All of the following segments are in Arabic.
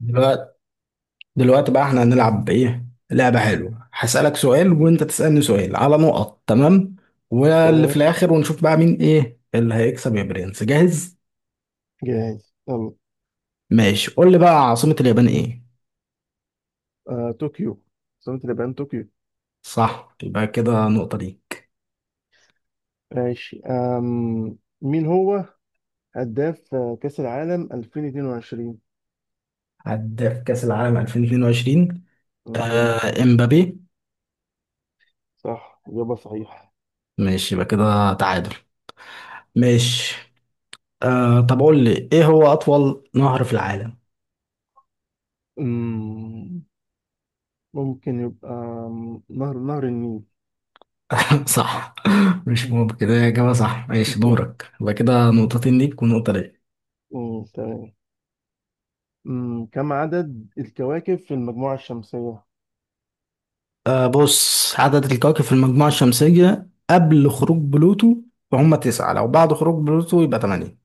دلوقتي دلوقتي بقى احنا هنلعب بايه؟ لعبة حلوة. هسألك سؤال وانت تسألني سؤال على نقط، تمام؟ واللي في تمام. الاخر ونشوف بقى مين، ايه اللي هيكسب، يا برنس. جاهز؟ جاهز يلا. ماشي، قول لي بقى عاصمة اليابان ايه؟ آه، طوكيو. سمت اليابان طوكيو. صح، يبقى كده نقطة ليك. ماشي. مين هو هداف كأس العالم 2022. عدى في كأس العالم 2022؟ مم. آه، امبابي. صح. إجابة صحيحة. ماشي، يبقى كده تعادل. ماشي، آه طب قول لي ايه هو اطول نهر في العالم؟ مم. ممكن يبقى نهر النيل. صح. مش ممكن كده يا جماعة، صح. ماشي، دورك. يبقى كده نقطتين ليك ونقطة ليا. مم. تمام. كم عدد الكواكب في المجموعة الشمسية؟ آه بص، عدد الكواكب في المجموعة الشمسية قبل خروج بلوتو فهم تسعة. لو بعد خروج بلوتو يبقى تمانية.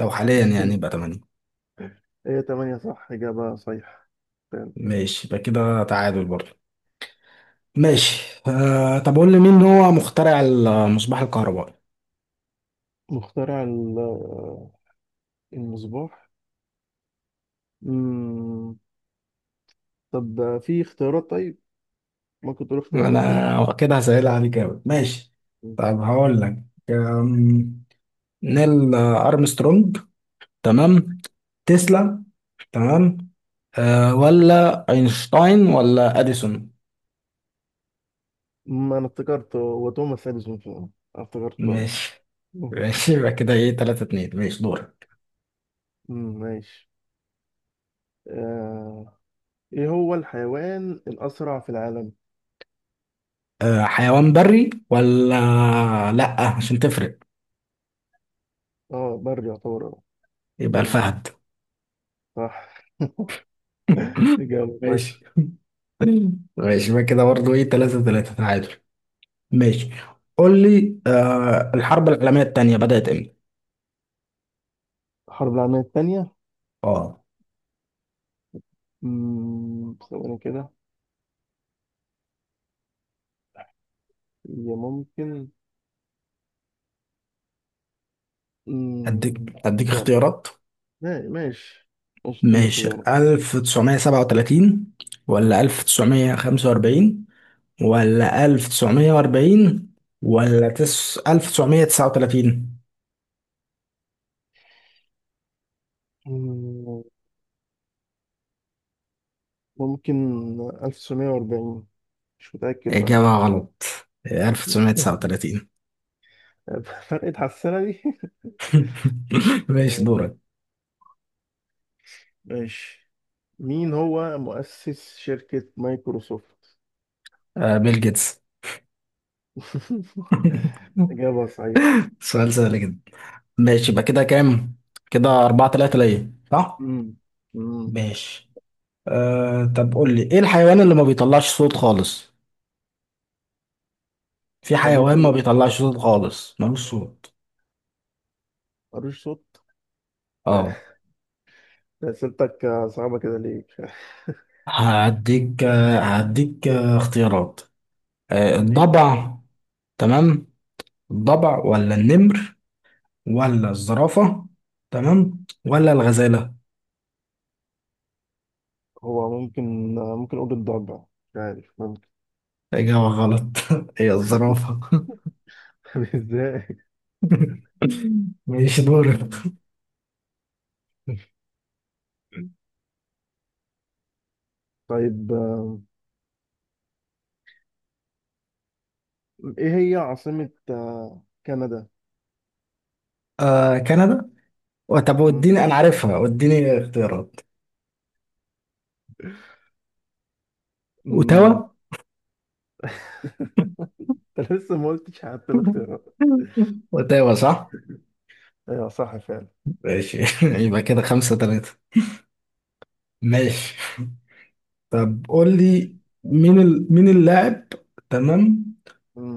لو حاليا يعني يبقى تمانية. هي تمانية. صح. إجابة صحيحة. تمام. ماشي، يبقى كده تعادل برضه. ماشي، آه طب قول لي مين هو مخترع المصباح الكهربائي؟ مخترع المصباح. مم. طب في اختيارات. طيب ممكن تقول اختيارات كده. انا كده هسهل عليك أوي، ماشي. طب هقول لك، أم، نيل أرمسترونج، تمام، تسلا، تمام، ولا اينشتاين ولا اديسون؟ ما انا افتكرت هو توماس اديسون فعلا. افتكرته. ماشي مم. ماشي، يبقى كده ايه، 3-2. ماشي، دورك. ماشي. آه. ايه هو الحيوان الاسرع في العالم؟ حيوان بري ولا... لا، عشان تفرق. اه، بري يعتبر. يبقى مم، الفهد. صح. اجابه ماشي صحيحه. ماشي، يبقى كده برضه ايه، 3-3، تعادل. ماشي، قول لي الحرب العالمية التانية بدأت امتى؟ الحرب العالميه الثانيه. اه، ثواني كده. هي ممكن. اديك مم، اديك طب اختيارات. ماشي. ماشي اديني ماشي، اختيارات. 1937 ولا 1945 ولا 1940 ولا 1939؟ مم، ممكن 1940. مش متاكد إجابة بقى. غلط. 1939. فرقة على السنة دي. ماشي، تمام. دورك. ماشي. مين هو مؤسس شركة مايكروسوفت؟ آه، بيل جيتس. إجابة صحيحة. سؤال سهل جدا. ماشي، يبقى كده كام؟ كده 4-3 ليا، صح؟ امم. امم. ماشي، آه طب قول لي ايه الحيوان اللي ما بيطلعش صوت خالص؟ في ربيط حيوان ما الله. بيطلعش صوت خالص، ملوش صوت. ملوش صوت. اه. ده أسئلتك صعبة كده ليه؟ هديك اختيارات. ليه. الضبع، تمام. الضبع ولا النمر ولا الزرافة، تمام، ولا الغزالة؟ هو ممكن أقول الضبع. مش عارف. ممكن. إجابة غلط. هي الزرافة. طب إزاي؟ ماشي، دورك. مم. طيب إيه هي عاصمة كندا؟ آه، كندا. طب وديني، مم. أنا عارفها، وديني اختيارات. مم. أوتاوا. أنت لسه ما قلتش حتى الاختيارات. أوتاوا، صح. أيوة، صح فعلا. ماشي. يبقى كده 5-3. ماشي، طب قول لي، مين اللاعب، تمام،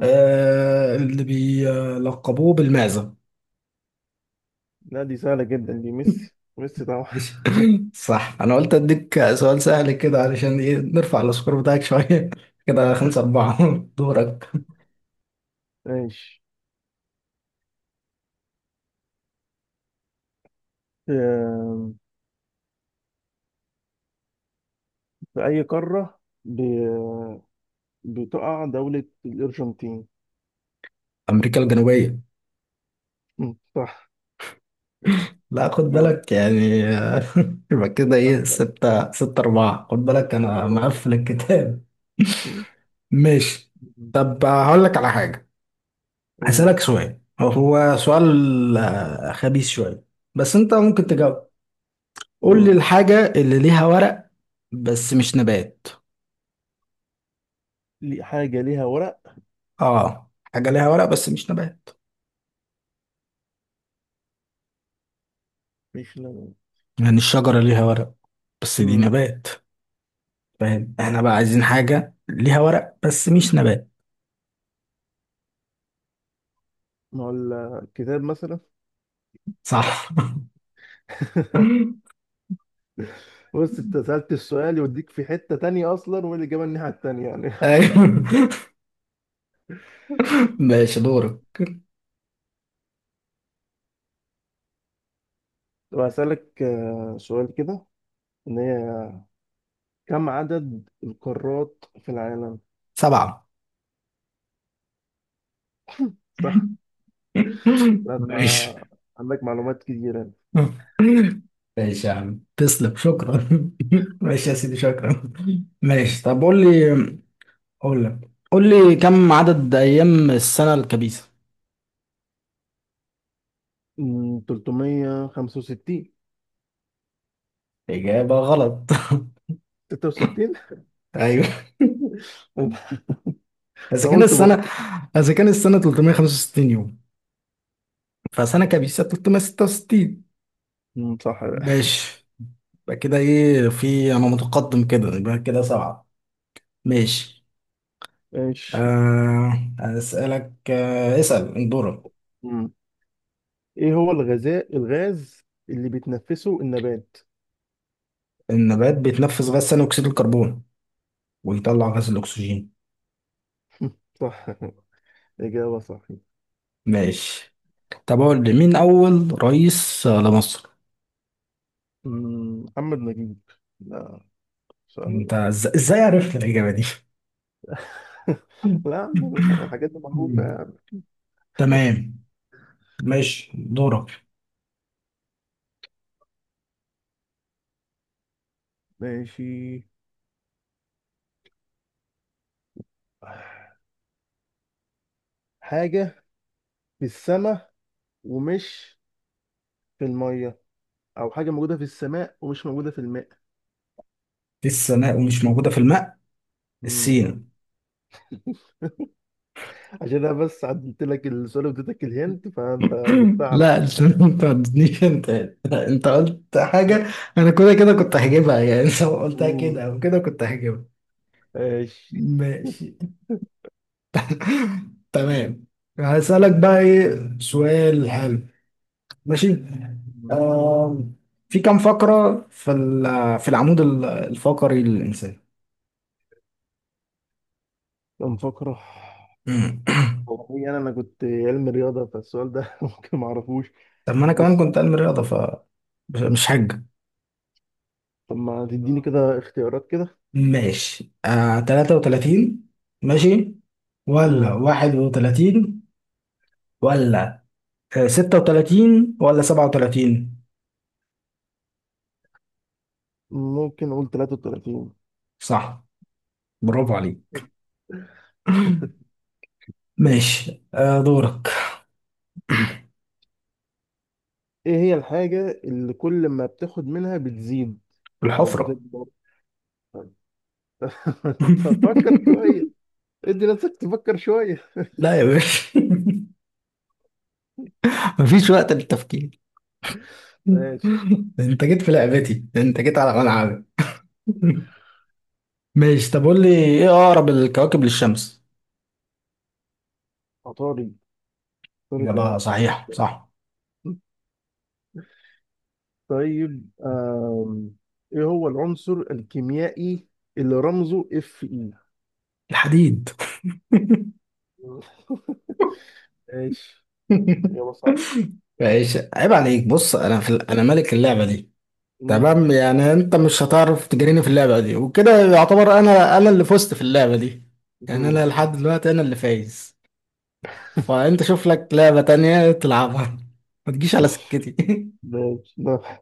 اللي بيلقبوه بالمعزة. لا، دي سهلة جدا. دي ميسي، ميسي طبعا. ماشي. صح، انا قلت اديك سؤال سهل كده علشان ايه؟ نرفع السكور بتاعك شويه. كده 5-4. دورك. ماشي. آم، في أي قارة بتقع دولة الأرجنتين؟ أمريكا الجنوبية. صح. لا، خد جواب. بالك يعني. يبقى كده إيه، أنت ستة أربعة، خد بالك، جبت أنا أربعة. مقفل الكتاب. مم. ماشي. مم. طب هقول لك على حاجة. أوه. هسألك سؤال، هو سؤال خبيث شوية، بس أنت ممكن مم. تجاوب. قول لي مم. الحاجة اللي ليها ورق بس مش نبات. حاجة ليها ورق. اه، حاجة ليها ورق بس مش نبات. مش لون. يعني الشجرة ليها ورق بس دي مم. نبات. فاهم؟ آه، احنا بقى عايزين حاجة ليها ورق بس مش نبات. ما هو الكتاب مثلا. صح. بص، أنت سألت السؤال يوديك في حتة تانية أصلا والإجابة الناحية التانية، يعني، ايوه، بس. ماشي، دورك. طب هسألك سؤال كده. إن هي كم عدد القارات في العالم؟ سبعة. صح. لا، أنت ماشي. عندك معلومات كتيرة. ماشي يا عم، تسلم، شكرا. ماشي يا سيدي، شكرا. ماشي، طب قول لي، كم عدد أيام السنة الكبيسة؟ 365. إجابة غلط. 66. ايوه. أنا اذا كان قلت السنه برضه. اذا كان السنه 365 يوم، فسنة كبيسة 366. صح بقى. ماشي، يبقى كده ايه؟ في، انا متقدم، كده يبقى كده سبعة. ماشي. ماشي. آه هسألك، اسأل اندورا. أمم. إيه هو الغذاء، الغاز اللي بيتنفسه النبات؟ النبات بيتنفس غاز ثاني اكسيد الكربون ويطلع غاز الاكسجين. صح. إجابة صحيحة. ماشي. طب اقول لي مين اول رئيس لمصر؟ محمد نجيب. لا، سؤال. انت ازاي عرفت الاجابة دي؟ لا، يا عم، الحاجات دي معروفة يعني. تمام. ماشي، دورك. ماشي. حاجة في السماء ومش في المية، او حاجه موجوده في السماء ومش موجوده في الماء. السماء ومش مم. موجودة في الماء. مم. السين. عشان انا بس عدلت لك السؤال واديتك الهنت فانت جبتها على لا. ما تردنيش انت، انت قلت طول. حاجة. انا كده كده كنت هجيبها يعني. لو قلتها مم. كده او كده كنت هجيبها. ماشي. ماشي. تمام. هسألك بقى ايه سؤال حلو. ماشي، مم. آه في كم فقرة في العمود الفقري للإنسان؟ كان فقره. مم. والله انا كنت علم رياضه فالسؤال ده. ممكن ما اعرفوش. طب ما انا كمان بس كنت علم رياضة ممكن. مش حاجة. طب ما تديني كده اختيارات كده. ماشي، آه 33. ماشي. ولا مم. 31. ولا 36 ولا 37؟ ممكن اقول 33. صح، برافو عليك. ماشي، آه، دورك. ايه هي الحاجه اللي كل ما بتاخد منها بتزيد او الحفرة. بتكبر؟ انت تفكر شويه. ادي نفسك تفكر شويه. لا يا باشا. مفيش وقت للتفكير. ماشي. انت جيت في لعبتي، انت جيت على ملعبي. ماشي، طب قول لي ايه اقرب الكواكب للشمس؟ عطارد، عطارد. اجابة صحيحة، صح. طيب. ايه هو العنصر الكيميائي اللي رمزه Fe؟ الحديد. ماشي. إجابة صح. ماشي، عيب عليك. بص، انا انا ملك اللعبة دي. مم. تمام، يعني انت مش هتعرف تجريني في اللعبة دي، وكده يعتبر انا اللي فزت في اللعبة دي. يعني مم. انا لحد دلوقتي انا اللي فايز. فانت شوف لك لعبة تانية تلعبها، ما تجيش على سكتي. ماشي.